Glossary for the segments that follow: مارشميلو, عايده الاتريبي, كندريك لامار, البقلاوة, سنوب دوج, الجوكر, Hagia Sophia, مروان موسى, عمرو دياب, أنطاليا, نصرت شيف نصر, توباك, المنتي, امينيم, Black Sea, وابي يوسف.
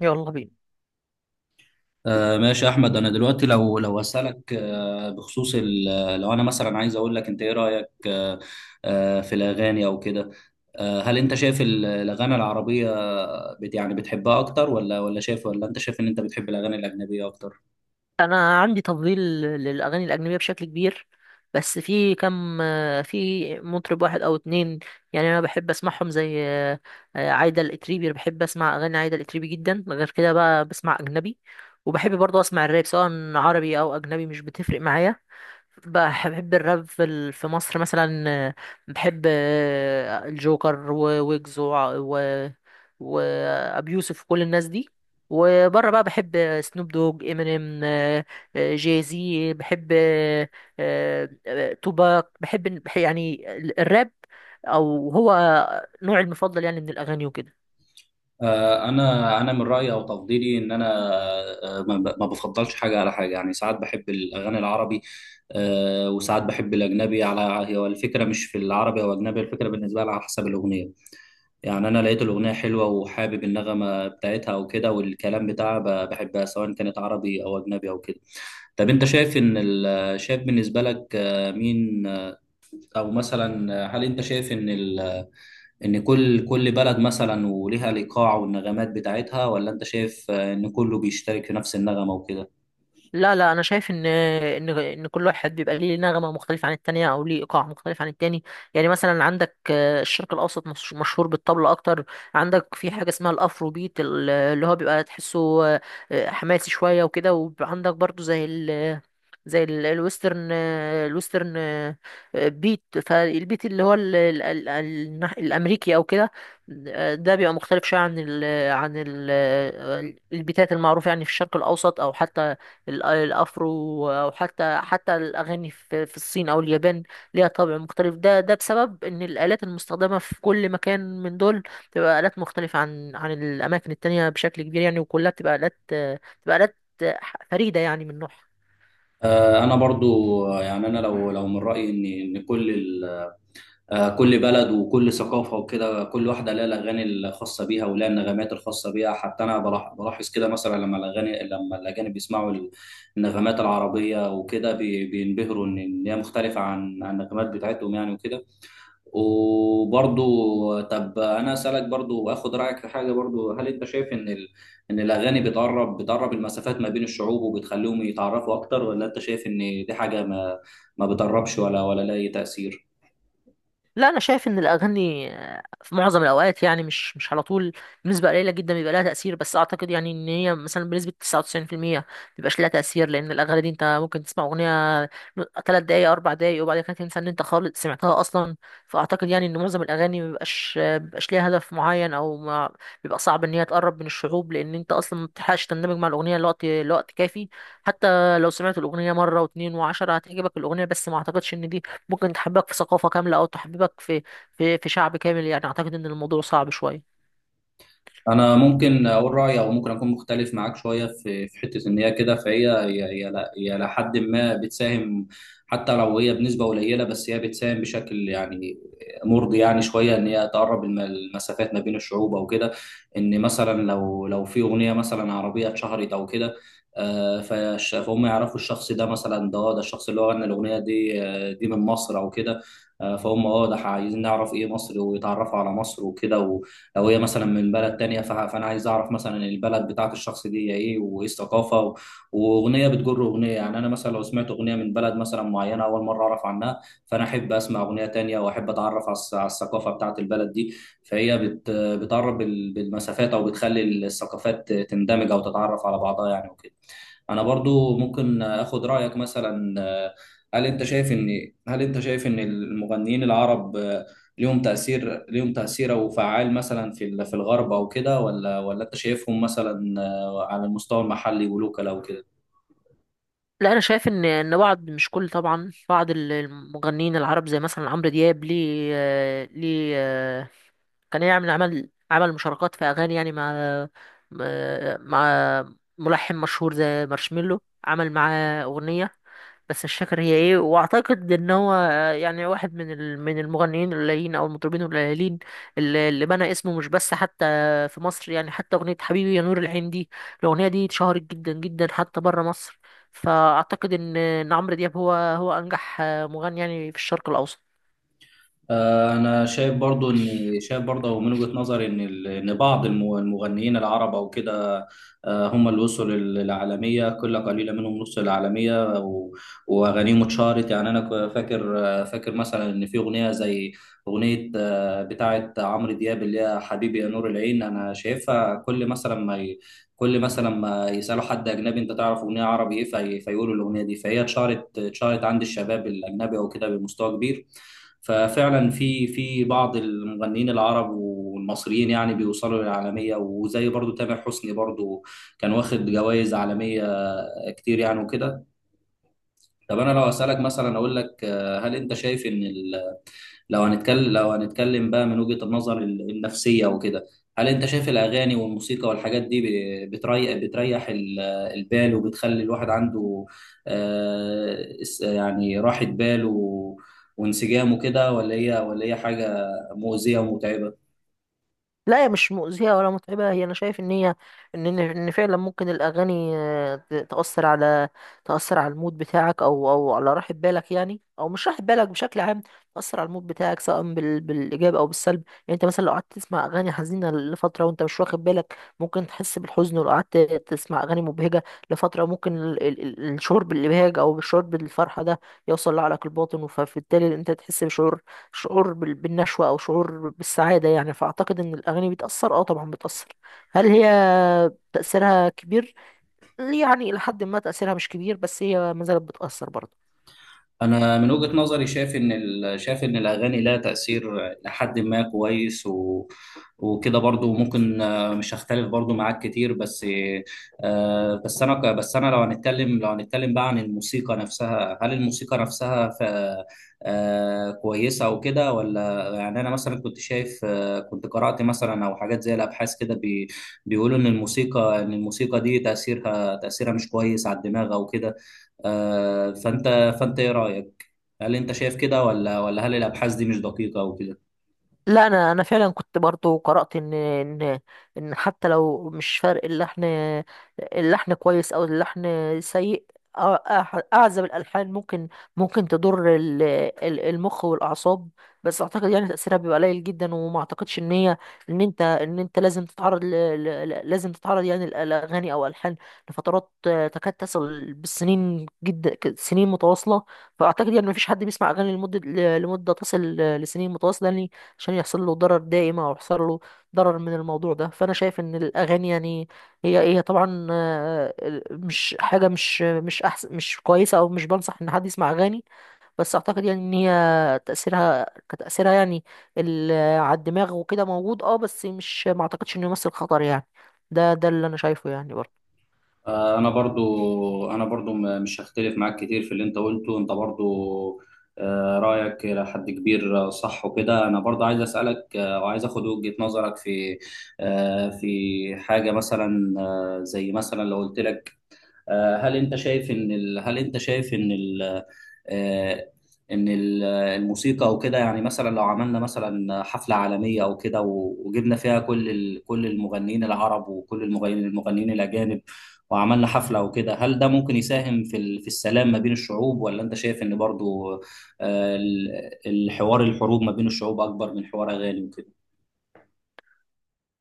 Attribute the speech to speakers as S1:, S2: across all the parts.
S1: يلا بينا.
S2: ماشي يا احمد، انا دلوقتي لو اسالك بخصوص لو انا مثلا عايز اقول لك، انت ايه رايك في الاغاني او كده؟ هل انت شايف الاغاني العربيه بت يعني بتحبها اكتر، ولا ولا شايف، ولا انت شايف ان انت بتحب الاغاني الاجنبيه اكتر؟
S1: انا عندي تفضيل للاغاني الاجنبيه بشكل كبير، بس في كم، في مطرب واحد او اتنين. يعني انا بحب اسمعهم زي عايده الاتريبي، بحب اسمع اغاني عايده الاتريبي جدا. غير كده بقى بسمع اجنبي. وبحب برضه اسمع الراب سواء عربي او اجنبي، مش بتفرق معايا. بحب الراب في مصر مثلا. بحب الجوكر وويجز وع- و وابي يوسف، كل الناس دي. وبره بقى بحب سنوب دوج، امينيم، جاي زي، بحب توباك. بحب بح- يعني ال- الراب او هو نوعي المفضل يعني من الاغاني وكده.
S2: انا من رايي او تفضيلي ان انا ما بفضلش حاجه على حاجه، يعني ساعات بحب الاغاني العربي، وساعات بحب الاجنبي على. هي الفكره مش في العربي او الاجنبي، الفكره بالنسبه لي على حسب الاغنيه. يعني انا لقيت الاغنيه حلوه وحابب النغمه بتاعتها او كده، والكلام بتاعها بحبها سواء كانت عربي او اجنبي او كده. طب انت شايف شايف بالنسبه لك، مين، او مثلا، هل انت شايف ان كل بلد مثلا وليها الايقاع والنغمات بتاعتها، ولا انت شايف، ان كله بيشترك في نفس النغمه وكده؟
S1: لا لا، انا شايف ان كل واحد بيبقى ليه نغمه مختلفه عن التانية، او ليه ايقاع مختلف عن التاني. يعني مثلا عندك الشرق الاوسط مشهور بالطبل اكتر. عندك في حاجه اسمها الافرو بيت، اللي هو بيبقى تحسه حماسي شويه وكده. وعندك برضو زي ال الويسترن. الويسترن بيت فالبيت، اللي هو الامريكي او كده. ده بيبقى مختلف شويه عن ال البيتات المعروفه يعني في الشرق الاوسط، او حتى الافرو، او حتى الاغاني في الصين او اليابان. ليها طابع مختلف، ده بسبب ان الالات المستخدمه في كل مكان من دول بتبقى الات مختلفه عن الاماكن التانية بشكل كبير يعني. وكلها بتبقى الات فريده يعني من نوعها.
S2: انا برضو، يعني انا لو من رايي ان كل بلد وكل ثقافة وكده، كل واحدة لها الأغاني الخاصة بيها، ولها النغمات الخاصة بيها. حتى أنا بلاحظ كده، مثلا لما الأجانب بيسمعوا النغمات العربية وكده بينبهروا إن هي مختلفة عن النغمات بتاعتهم، يعني وكده. وبرضو، طب أنا أسألك برضو وآخد رأيك في حاجة برضو، هل أنت شايف إن الأغاني بتقرب المسافات ما بين الشعوب وبتخليهم يتعرفوا أكتر، ولا أنت شايف إن دي حاجة ما ما بتقربش، ولا لها أي تأثير؟
S1: لا انا شايف ان الاغاني في معظم الاوقات، يعني مش على طول، بنسبه قليله جدا بيبقى لها تاثير. بس اعتقد يعني ان هي مثلا بنسبه 99% ما بيبقاش لها تاثير، لان الاغاني دي انت ممكن تسمع اغنيه 3 دقائق 4 دقائق وبعد كده تنسى ان انت خالص سمعتها اصلا. فاعتقد يعني ان معظم الاغاني ما بيبقاش ليها هدف معين، او ما بيبقى صعب ان هي تقرب من الشعوب، لان انت اصلا ما بتلحقش تندمج مع الاغنيه لوقت كافي. حتى لو سمعت الاغنيه مره واتنين وعشرة هتعجبك الاغنيه، بس ما اعتقدش ان دي ممكن تحببك في ثقافة كاملة، أو تحببك في شعب كامل يعني. أعتقد إن الموضوع صعب شوية.
S2: انا ممكن اقول رايي، او ممكن اكون مختلف معاك شويه في حته ان هي كده، فهي هي هي ل- هي لحد ما بتساهم. حتى لو هي بنسبه قليله، بس هي بتساهم بشكل يعني مرضي، يعني شويه، ان هي تقرب المسافات ما بين الشعوب او كده. ان مثلا لو في اغنيه مثلا عربيه اتشهرت او كده، فهم يعرفوا الشخص ده، مثلا ده، ده الشخص اللي هو غنى الاغنيه دي، دي من مصر او كده. فهم ده عايزين نعرف ايه مصر، ويتعرفوا على مصر وكده. لو هي مثلا من بلد تانية، فانا عايز اعرف مثلا البلد بتاعت الشخص دي هي ايه، وايه الثقافه واغنيه بتجر اغنيه. يعني انا مثلا لو سمعت اغنيه من بلد مثلا معينه اول مره اعرف عنها، فانا احب اسمع اغنيه تانية، واحب اتعرف على الثقافه بتاعت البلد دي. فهي بتقرب بالمسافات، او بتخلي الثقافات تندمج او تتعرف على بعضها، يعني وكده. انا برضو ممكن اخد رايك مثلا، هل انت شايف ان المغنيين العرب ليهم تأثير أو فعال مثلا في الغرب أو كده، ولا أنت شايفهم مثلا، على المستوى المحلي ولوكال أو كده؟
S1: لا أنا شايف إن بعض مش كل طبعا، بعض المغنيين العرب زي مثلا عمرو دياب ليه. كان يعمل عمل مشاركات في أغاني يعني مع مع ملحن مشهور زي مارشميلو، عمل معاه أغنية، بس مش فاكر هي ايه. واعتقد ان هو يعني واحد من المغنيين القليلين او المطربين القليلين اللي بنى اسمه مش بس حتى في مصر يعني. حتى اغنيه حبيبي يا نور العين دي، الاغنيه دي اتشهرت جدا جدا حتى بره مصر. فاعتقد ان عمرو دياب هو انجح مغني يعني في الشرق الاوسط.
S2: أنا شايف برضو إن شايف برضو من وجهة نظري إن بعض المغنيين العرب أو كده، هم اللي وصلوا للعالمية، كل قليلة منهم نص العالمية، وأغانيهم اتشهرت. يعني أنا فاكر، فاكر مثلا إن في أغنية زي أغنية، بتاعة عمرو دياب اللي هي حبيبي يا نور العين. أنا شايفها كل مثلا ما يسالوا حد اجنبي انت تعرف اغنيه عربي ايه، فيقولوا الاغنيه دي. فهي اتشهرت عند الشباب الاجنبي او كده بمستوى كبير. ففعلا في بعض المغنيين العرب والمصريين يعني بيوصلوا للعالميه، وزي برضو تامر حسني، برضو كان واخد جوائز عالميه كتير، يعني وكده. طب انا لو اسالك مثلا، اقول لك، آه، هل انت شايف ان ال لو هنتكلم بقى من وجهة النظر النفسية وكده، هل انت شايف الاغاني والموسيقى والحاجات دي بتريح البال، وبتخلي الواحد عنده يعني راحة بال وانسجام وكده، ولا هي حاجة مؤذية ومتعبة؟
S1: لا هي مش مؤذية ولا متعبة، هي أنا شايف إن هي إن فعلا ممكن الأغاني تأثر على المود بتاعك، أو على راحة بالك يعني، أو مش راحة بالك بشكل عام. تأثر على المود بتاعك سواء بالإيجاب أو بالسلب يعني. أنت مثلا لو قعدت تسمع أغاني حزينة لفترة وأنت مش واخد بالك ممكن تحس بالحزن، ولو قعدت تسمع أغاني مبهجة لفترة ممكن الشعور بالإبهاج أو الشعور بالفرحة ده يوصل لعقلك الباطن. فبالتالي أنت تحس بشعور، شعور بالنشوة أو شعور بالسعادة يعني. فأعتقد إن الأغاني بتأثر، أه طبعا بتأثر. هل هي تأثيرها كبير؟ يعني إلى حد ما تأثيرها مش كبير، بس هي ما زالت بتأثر برضه.
S2: انا من وجهة نظري شايف ان الاغاني لها تأثير لحد ما كويس وكده، برضو ممكن، مش هختلف برضو معاك كتير، بس بس انا لو هنتكلم بقى عن الموسيقى نفسها، هل الموسيقى نفسها ف... آه، كويسة وكده، ولا يعني انا مثلا كنت شايف آه، كنت قرأت مثلا، او حاجات زي الابحاث كده بيقولوا ان الموسيقى دي تأثيرها مش كويس على الدماغ او كده. آه، فانت فانت ايه رايك، هل انت شايف كده، ولا هل الابحاث دي مش دقيقه او كده؟
S1: لا انا فعلا كنت برضو قرأت ان ان حتى لو مش فرق اللحن، اللحن كويس او اللحن سيء. أع- اعزب الالحان ممكن، ممكن تضر المخ والاعصاب. بس اعتقد يعني تأثيرها بيبقى قليل جدا، وما اعتقدش ان هي ان انت لازم تتعرض لازم تتعرض يعني الاغاني او الالحان لفترات تكاد تصل بالسنين جدا، سنين متواصلة. فاعتقد يعني مفيش حد بيسمع اغاني لمدة، لمدة تصل لسنين متواصلة يعني، عشان يحصل له ضرر دائم، او يحصل له ضرر من الموضوع ده. فانا شايف ان الاغاني يعني هي طبعا مش حاجه مش احسن، مش كويسه، او مش بنصح ان حد يسمع اغاني. بس اعتقد يعني ان هي تاثيرها كتاثيرها يعني على الدماغ وكده موجود، اه بس مش، ما اعتقدش انه يمثل خطر يعني. ده اللي انا شايفه يعني برضه.
S2: انا برضو مش هختلف معاك كتير في اللي انت قلته، انت برضو رايك الى حد كبير، صح وكده. انا برضو عايز اسالك، وعايز اخد وجهه نظرك في، في حاجه مثلا، زي مثلا لو قلت لك، آه، هل انت شايف ان ال... هل انت شايف ان ال... آه، ان الموسيقى وكده، يعني مثلا لو عملنا مثلا حفلة عالمية او كده، وجبنا فيها كل المغنيين العرب وكل المغنيين الاجانب، وعملنا حفلة وكده، هل ده ممكن يساهم في السلام ما بين الشعوب، ولا انت شايف ان برضو، آه، ال- الحوار الحروب ما بين الشعوب اكبر من حوار اغاني وكده؟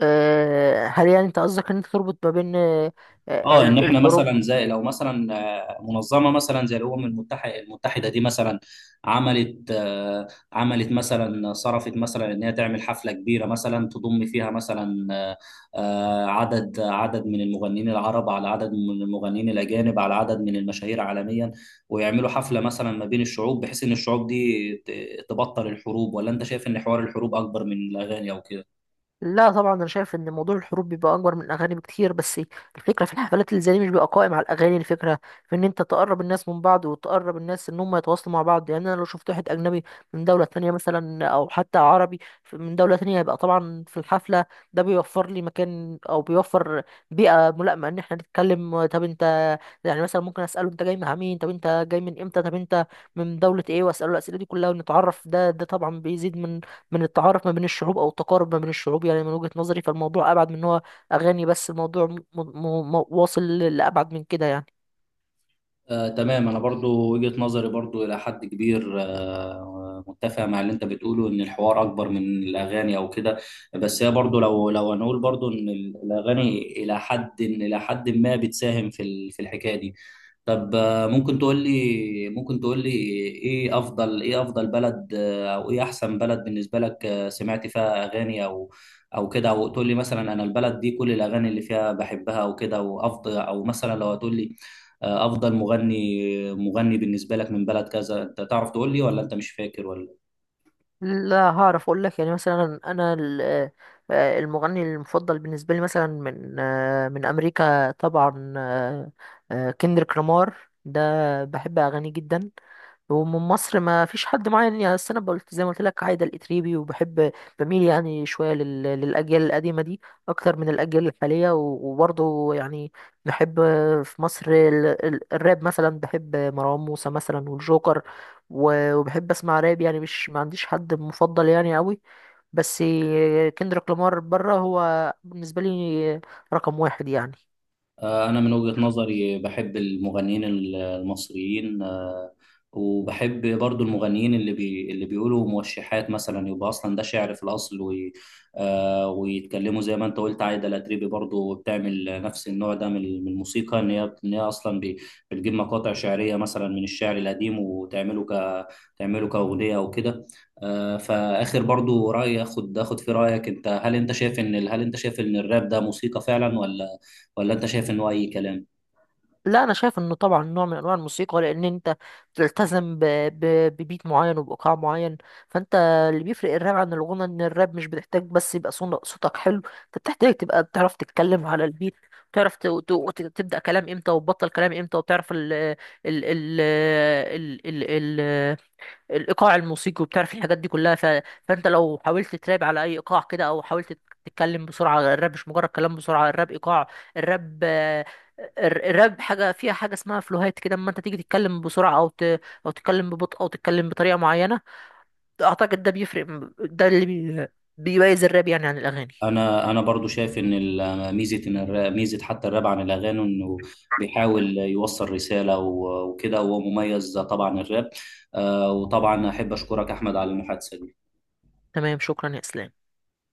S1: هل يعني انت قصدك ان انت تربط ما بين
S2: اه ان احنا مثلا،
S1: الحروب؟
S2: زي لو مثلا، منظمه مثلا زي الامم المتحده، دي مثلا عملت، عملت مثلا، صرفت مثلا، ان هي تعمل حفله كبيره مثلا، تضم فيها مثلا عدد من المغنيين العرب، على عدد من المغنيين الاجانب، على عدد من المشاهير عالميا، ويعملوا حفله مثلا ما بين الشعوب، بحيث ان الشعوب دي تبطل الحروب. ولا انت شايف ان حوار الحروب اكبر من الاغاني او كده؟
S1: لا طبعا انا شايف ان موضوع الحروب بيبقى اكبر من الاغاني بكتير. بس الفكره في الحفلات اللي زي دي مش بيبقى قائم على الاغاني، الفكره في ان انت تقرب الناس من بعض، وتقرب الناس ان هم يتواصلوا مع بعض يعني. انا لو شفت واحد اجنبي من دوله تانية مثلا، او حتى عربي من دوله تانية، يبقى طبعا في الحفله ده بيوفر لي مكان، او بيوفر بيئه ملائمه ان احنا نتكلم. طب انت، يعني مثلا ممكن اساله: انت جاي مع مين؟ طب انت جاي من امتى؟ طب انت من دوله ايه؟ واساله الاسئله دي كلها ونتعرف. ده طبعا بيزيد من التعارف ما بين الشعوب، او التقارب ما بين الشعوب يعني من وجهة نظري. فالموضوع ابعد من إن هو اغاني بس، الموضوع واصل لابعد من كده يعني.
S2: تمام. انا برضو وجهة نظري برضو الى حد كبير متفق مع اللي انت بتقوله، ان الحوار اكبر من الاغاني او كده. بس هي برضو، لو لو هنقول برضو ان الاغاني الى حد ما بتساهم في الحكاية دي. طب، ممكن تقول لي ايه افضل بلد، او ايه احسن بلد بالنسبه لك، سمعت فيها اغاني او كده، او تقول لي مثلا، انا البلد دي كل الاغاني اللي فيها بحبها وكده وافضل، او مثلا لو هتقول لي، افضل مغني بالنسبه لك من بلد كذا. انت تعرف تقول لي، ولا انت مش فاكر، ولا؟
S1: لا هعرف اقول لك. يعني مثلا انا المغني المفضل بالنسبه لي مثلا من من امريكا طبعا كندريك لامار، ده بحب اغانيه جدا. ومن مصر ما فيش حد معين يعني، أصل انا قلت زي ما قلت لك عايده الاتريبي، وبحب، بميل يعني شويه للاجيال القديمه دي اكتر من الاجيال الحاليه. و- وبرضه يعني بحب في مصر الراب مثلا، بحب مروان موسى مثلا والجوكر، وبحب اسمع راب يعني. مش، ما عنديش حد مفضل يعني قوي، بس كندريك لامار بره هو بالنسبه لي رقم واحد يعني.
S2: أنا من وجهة نظري بحب المغنيين المصريين، وبحب برضو المغنيين اللي بيقولوا موشحات مثلا، يبقى أصلا ده شعر في الأصل، وي آه، ويتكلموا زي ما أنت قلت، عايدة الأتريبي برضو بتعمل نفس النوع ده من الموسيقى، إن هي أصلا بتجيب مقاطع شعرية مثلا من الشعر القديم، وتعمله ك تعمله كأغنية أو كده. فآخر برضو رأي أخد في رأيك أنت، هل أنت شايف إن الراب ده موسيقى فعلا، ولا انت شايف انه اي كلام؟
S1: لا انا شايف انه طبعا نوع من انواع الموسيقى، لان انت بتلتزم ب... ببيت معين وبايقاع معين. فانت اللي بيفرق الراب عن الغنى ان الراب مش بتحتاج بس يبقى صوتك حلو، انت بتحتاج تبقى بتعرف تتكلم على البيت، بتعرف تبدأ كلام امتى وتبطل كلام امتى، وبتعرف ال... ال... ال... ال... الايقاع الموسيقي، وبتعرف الحاجات دي كلها. فانت لو حاولت تراب على اي ايقاع كده، او حاولت تتكلم بسرعه، الراب مش مجرد كلام بسرعه، الراب ايقاع. الراب الراب حاجه فيها حاجه اسمها فلوهات كده، اما انت تيجي تتكلم بسرعه او تتكلم ببطء، او تتكلم بطريقه معينه، اعتقد ده بيفرق. ده اللي بيميز الراب يعني عن الاغاني.
S2: انا برضو شايف ان ال- ميزه ان الراب ميزه، حتى الراب عن الاغاني انه بيحاول يوصل رساله وكده، وهو مميز طبعا الراب. وطبعا احب اشكرك احمد على المحادثه دي.
S1: تمام، شكرا يا اسلام.